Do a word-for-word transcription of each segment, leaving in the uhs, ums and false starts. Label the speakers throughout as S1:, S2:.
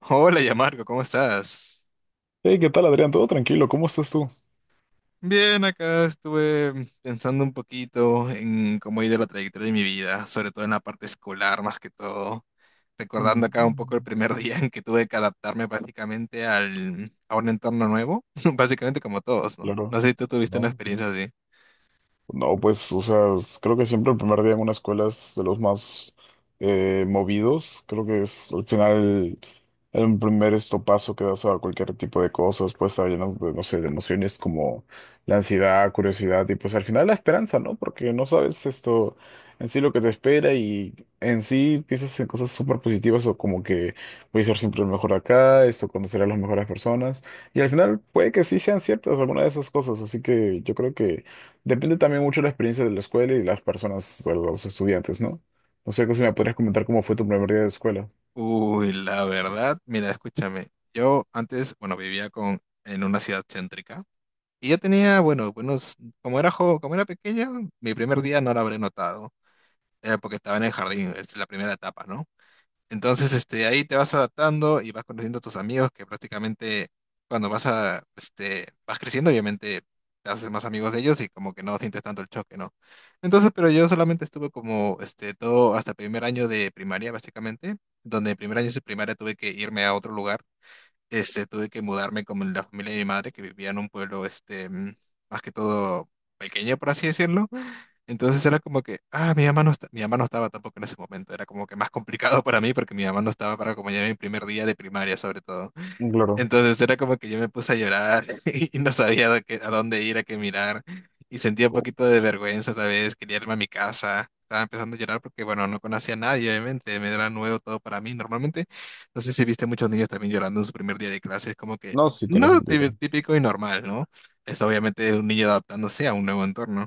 S1: Hola, Yamarco, ¿cómo estás?
S2: Hey, ¿qué tal, Adrián? ¿Todo tranquilo? ¿Cómo estás tú?
S1: Bien, acá estuve pensando un poquito en cómo ha ido la trayectoria de mi vida, sobre todo en la parte escolar más que todo, recordando acá un poco el
S2: Mm.
S1: primer día en que tuve que adaptarme básicamente al, a un entorno nuevo, básicamente como todos, ¿no?
S2: Claro.
S1: No sé si tú tuviste una
S2: ¿No?
S1: experiencia así.
S2: No, pues, o sea, s- creo que siempre el primer día en una escuela es de los más eh, movidos. Creo que es al final el primer estopazo que das a cualquier tipo de cosas, pues está lleno de, no sé, de emociones como la ansiedad, curiosidad y pues al final la esperanza, ¿no? Porque no sabes esto en sí lo que te espera, y en sí piensas en cosas súper positivas, o como que voy a ser siempre el mejor acá, esto conocer a las mejores personas, y al final puede que sí sean ciertas algunas de esas cosas, así que yo creo que depende también mucho de la experiencia de la escuela y de las personas, de los estudiantes, ¿no? No sé, si me podrías comentar cómo fue tu primer día de escuela.
S1: Uy, la verdad, mira, escúchame, yo antes, bueno, vivía con, en una ciudad céntrica y yo tenía, bueno, buenos, como era jo- como era pequeña, mi primer día no lo habré notado eh, porque estaba en el jardín, es la primera etapa, ¿no? Entonces, este, ahí te vas adaptando y vas conociendo a tus amigos que prácticamente cuando vas a, este, vas creciendo, obviamente te haces más amigos de ellos y como que no sientes tanto el choque, ¿no? Entonces, pero yo solamente estuve como, este, todo hasta primer año de primaria, básicamente, donde en primer año de primaria tuve que irme a otro lugar. Este, tuve que mudarme con la familia de mi madre, que vivía en un pueblo, este, mm, más que todo pequeño, por así decirlo. Entonces era como que, ah, mi mamá no está- mi mamá no estaba tampoco en ese momento. Era como que más complicado para mí porque mi mamá no estaba para acompañarme en mi primer día de primaria, sobre todo.
S2: Claro.
S1: Entonces era como que yo me puse a llorar y no sabía a, qué- a dónde ir, a qué mirar. Y sentía un poquito de vergüenza, ¿sabes? Quería irme a mi casa. Estaba empezando a llorar porque, bueno, no conocía a nadie, obviamente. Me era nuevo todo para mí. Normalmente, no sé si viste muchos niños también llorando en su primer día de clase. Es como que,
S2: No, sí tiene
S1: no,
S2: sentido.
S1: tí- típico y normal, ¿no? Es obviamente un niño adaptándose a un nuevo entorno.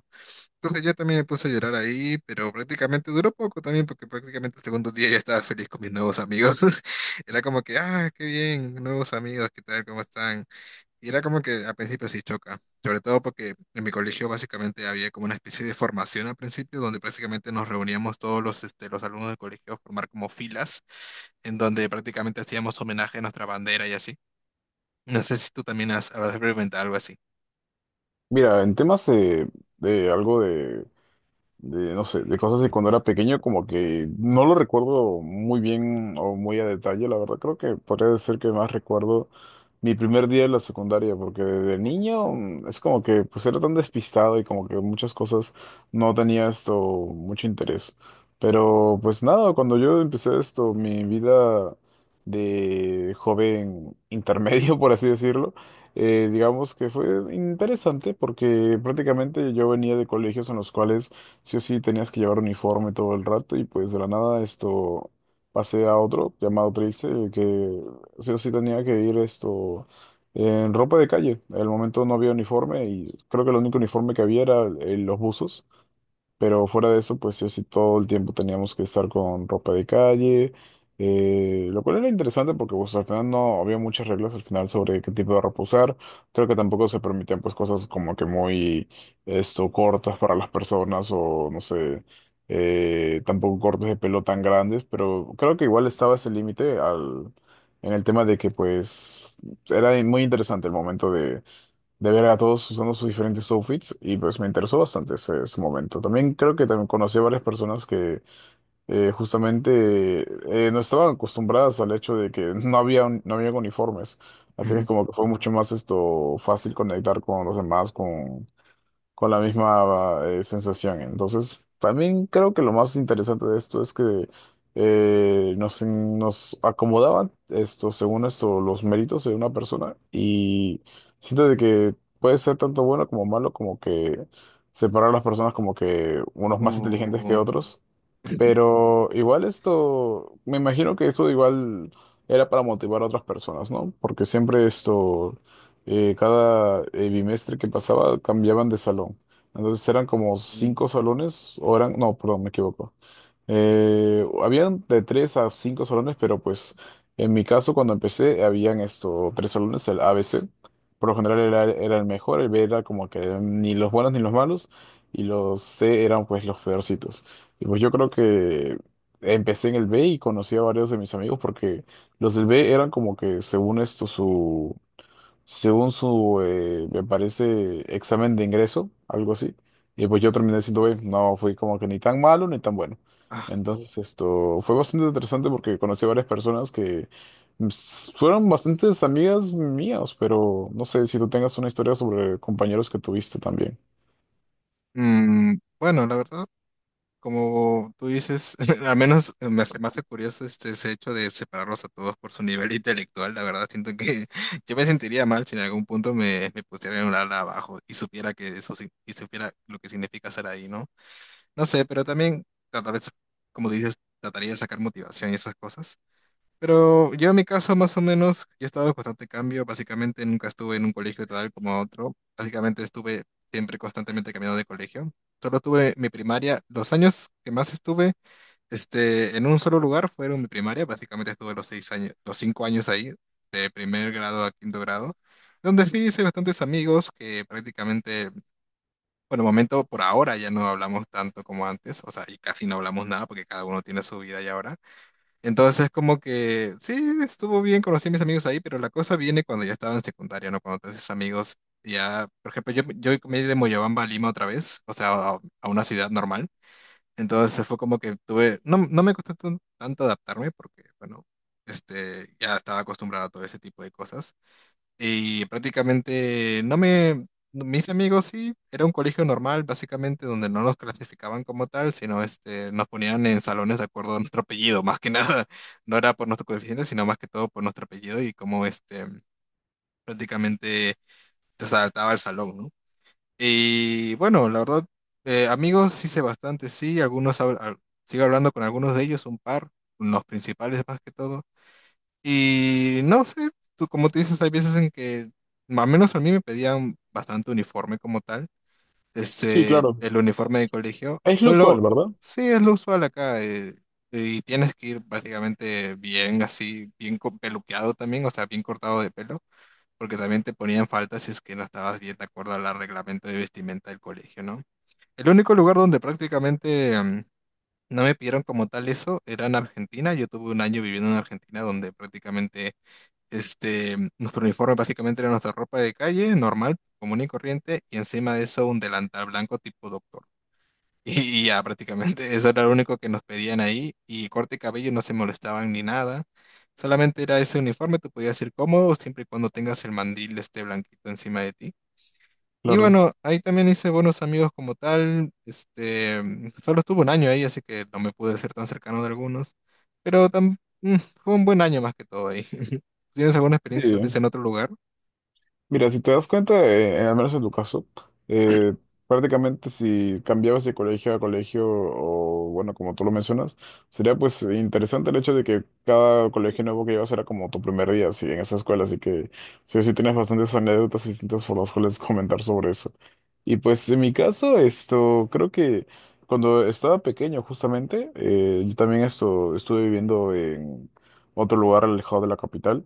S1: Entonces yo también me puse a llorar ahí, pero prácticamente duró poco también, porque prácticamente el segundo día ya estaba feliz con mis nuevos amigos. Era como que, ah, qué bien, nuevos amigos, ¿qué tal? ¿Cómo están? Y era como que al principio sí choca, sobre todo porque en mi colegio básicamente había como una especie de formación al principio, donde prácticamente nos reuníamos todos los, este, los alumnos del colegio a formar como filas, en donde prácticamente hacíamos homenaje a nuestra bandera y así. No sé si tú también has, habrás experimentado algo así.
S2: Mira, en temas eh, de, algo de de, no sé, de cosas de cuando era pequeño, como que no lo recuerdo muy bien o muy a detalle, la verdad. Creo que podría decir que más recuerdo mi primer día de la secundaria, porque de niño,
S1: Mm.
S2: mm, es como que pues era tan despistado y como que muchas cosas no tenía esto mucho interés. Pero pues nada, cuando yo empecé esto, mi vida de joven intermedio, por así decirlo, eh, digamos que fue interesante porque prácticamente yo venía de colegios en los cuales sí o sí tenías que llevar uniforme todo el rato, y pues de la nada esto pasé a otro llamado Trilce, el que sí o sí tenía que ir esto en ropa de calle. En el momento no había uniforme y creo que el único uniforme que había era eh, los buzos. Pero fuera de eso, pues sí, o sí, todo el tiempo teníamos que estar con ropa de calle, eh, lo cual era interesante porque pues al final no había muchas reglas al final sobre qué tipo de ropa usar. Creo que tampoco se permitían pues cosas como que muy esto, cortas para las personas, o no sé, eh, tampoco cortes de pelo tan grandes, pero creo que igual estaba ese límite al, en el tema de que pues era muy interesante el momento de ver a todos usando sus diferentes outfits, y pues me interesó bastante ese, ese momento. También creo que también conocí a varias personas que eh, justamente eh, no estaban acostumbradas al hecho de que no había, un- no había uniformes. Así que es
S1: Ujú.
S2: como que fue mucho más esto fácil conectar con los demás, con la misma eh, sensación. Entonces, también creo que lo más interesante de esto es que eh, nos, nos acomodaban esto, según esto, los méritos de una persona, y siento de que puede ser tanto bueno como malo, como que separar a las personas como que unos más inteligentes que
S1: Uh,
S2: otros. Pero igual esto, me imagino que esto igual era para motivar a otras personas, ¿no? Porque siempre esto, eh, cada eh, bimestre que pasaba cambiaban de salón. Entonces eran como
S1: uh,
S2: cinco salones, o eran, no, perdón, me equivoco. Eh, habían de tres a cinco salones, pero pues en mi caso cuando empecé habían esto, tres salones: el A, B, C. Por lo general era, era el mejor, el B era como que ni los buenos ni los malos, y los C eran pues los peorcitos. Y pues yo creo que empecé en el B y conocí a varios de mis amigos porque los del B eran como que según esto su según su, eh, me parece, examen de ingreso, algo así. Y pues yo terminé siendo B, no fui como que ni tan malo ni tan bueno.
S1: uh.
S2: Entonces esto fue bastante interesante porque conocí a varias personas que mm, s- fueron bastantes amigas mías, pero no sé si tú tengas una historia sobre compañeros que tuviste también.
S1: Mm, bueno, la verdad, como tú dices, al menos me hace, me hace curioso este, ese hecho de separarlos a todos por su nivel intelectual. La verdad, siento que yo me sentiría mal si en algún punto me, me pusieran un ala abajo y supiera que eso sí- y supiera lo que significa ser ahí, ¿no? No sé, pero también ta- tal vez, como dices, trataría de sacar motivación y esas cosas. Pero yo en mi caso, más o menos, yo he estado en constante cambio. Básicamente nunca estuve en un colegio tal como otro. Básicamente estuve siempre constantemente cambiando de colegio. Solo tuve mi primaria. Los años que más estuve este, en un solo lugar fueron mi primaria. Básicamente estuve los seis años, los cinco años ahí, de primer grado a quinto grado, donde sí hice bastantes amigos que prácticamente, por el momento, por ahora ya no hablamos tanto como antes. O sea, y casi no hablamos nada porque cada uno tiene su vida y ahora. Entonces, como que sí, estuvo bien, conocí a mis amigos ahí, pero la cosa viene cuando ya estaba en secundaria, ¿no? Cuando te haces amigos, ya, por ejemplo, yo, yo me he ido de Moyobamba a Lima otra vez, o sea, a, a una ciudad normal. Entonces fue como que tuve, no, no me costó tan- tanto adaptarme porque, bueno, este, ya estaba acostumbrado a todo ese tipo de cosas. Y prácticamente no me, no, mis amigos sí, era un colegio normal, básicamente, donde no nos clasificaban como tal, sino este, nos ponían en salones de acuerdo a nuestro apellido, más que nada. No era por nuestro coeficiente, sino más que todo por nuestro apellido y cómo este, prácticamente se saltaba el salón, ¿no? Y bueno, la verdad, eh, amigos hice bastante, sí, algunos, hab- al- sigo hablando con algunos de ellos, un par, los principales más que todo. Y no sé, tú, como tú dices, hay veces en que, al menos a mí me pedían bastante uniforme como tal,
S2: Sí,
S1: este,
S2: claro.
S1: el uniforme de colegio,
S2: Es lo usual,
S1: solo,
S2: ¿verdad?
S1: sí, es lo usual acá, eh, y tienes que ir prácticamente bien así, bien co- peluqueado también, o sea, bien cortado de pelo, porque también te ponían falta si es que no estabas bien de acuerdo al reglamento de vestimenta del colegio, ¿no? El único lugar donde prácticamente... mm, no me pidieron como tal eso, era en Argentina. Yo tuve un año viviendo en Argentina donde prácticamente este, nuestro uniforme básicamente era nuestra ropa de calle, normal, común y corriente, y encima de eso un delantal blanco tipo doctor. Y, y ya, prácticamente eso era lo único que nos pedían ahí, y corte de cabello no se molestaban ni nada. Solamente era ese uniforme, tú podías ir cómodo siempre y cuando tengas el mandil este blanquito encima de ti. Y
S2: Claro.
S1: bueno, ahí también hice buenos amigos como tal. Este, mm, solo estuve un año ahí, así que no me pude ser tan cercano de algunos. Pero tam- mm, fue un buen año más que todo ahí. ¿Tienes alguna experiencia tal vez
S2: Sí.
S1: en otro lugar?
S2: Mira, si te das cuenta, eh, al menos en tu caso, eh, prácticamente si cambiabas de colegio a colegio, o bueno, como tú lo mencionas, sería pues interesante el hecho de que cada colegio nuevo que llevas era como tu primer día así, en esa escuela, así que sí, o sí tienes bastantes anécdotas distintas por las cuales comentar sobre eso. Y pues en mi caso, esto, creo que cuando estaba pequeño justamente, eh, yo también esto, estuve viviendo en otro lugar alejado de la capital,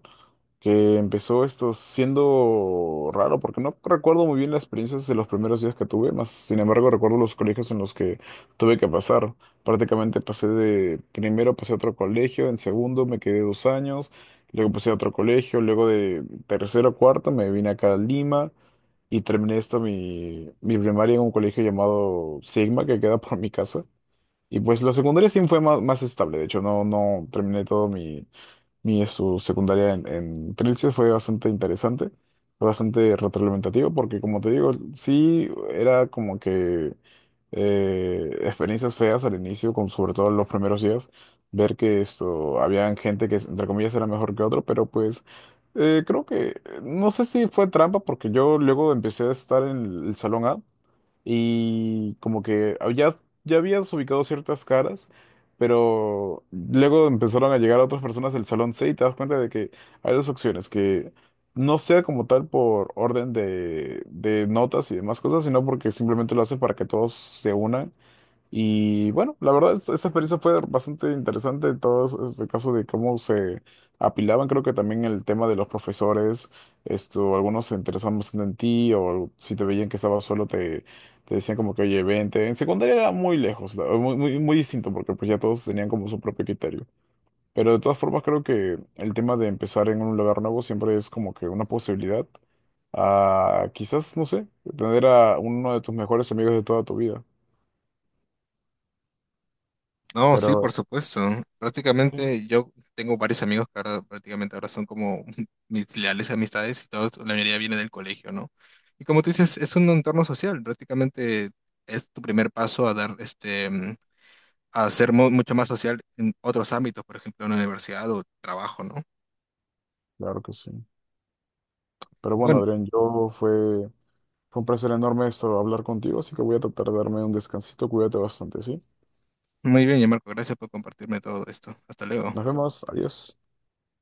S2: que empezó esto siendo raro, porque no recuerdo muy bien las experiencias de los primeros días que tuve, más sin embargo recuerdo los colegios en los que tuve que pasar. Prácticamente pasé de, primero pasé a otro colegio, en segundo me quedé dos años, luego pasé a otro colegio, luego de tercero a cuarto me vine acá a Lima, y terminé esto mi, mi primaria en un colegio llamado Sigma, que queda por mi casa. Y pues la secundaria sí fue más, más estable. De hecho, no, no terminé todo mi mi su secundaria en, en, Trilce. Fue bastante interesante, fue bastante retroalimentativo, porque como te digo, sí era como que eh, experiencias feas al inicio, con, sobre todo los primeros días, ver que esto, había gente que entre comillas era mejor que otro, pero pues eh, creo que, no sé si fue trampa, porque yo luego empecé a estar en el salón A, y como que ah, ya, ya habías ubicado ciertas caras, pero luego empezaron a llegar otras personas del salón C y te das cuenta de que hay dos opciones: que no sea como tal por orden de, de, notas y demás cosas, sino porque simplemente lo hace para que todos se unan. Y bueno, la verdad, es- esa experiencia fue bastante interesante. Todo este caso de cómo se apilaban, creo que también el tema de los profesores, esto, algunos se interesaban bastante en ti, o si te veían que estabas solo, te, te decían como que, oye, vente. En secundaria era muy lejos, la- muy, muy, muy distinto, porque pues ya todos tenían como su propio criterio. Pero de todas formas, creo que el tema de empezar en un lugar nuevo siempre es como que una posibilidad a, quizás, no sé, tener a uno de tus mejores amigos de toda tu vida.
S1: No, sí,
S2: Pero...
S1: por supuesto. Prácticamente yo tengo varios amigos que ahora prácticamente ahora son como mis leales amistades y todos, la mayoría viene del colegio, ¿no? Y como tú dices, es un entorno social. Prácticamente es tu primer paso a dar este a ser mu- mucho más social en otros ámbitos, por ejemplo, en la universidad o trabajo, ¿no?
S2: Claro que sí. Pero bueno,
S1: Bueno,
S2: Adrián, yo fue, fue un placer enorme esto hablar contigo, así que voy a tratar de darme un descansito. Cuídate bastante, ¿sí?
S1: muy bien, ya Marco, gracias por compartirme todo esto. Hasta luego.
S2: Nos vemos. Adiós.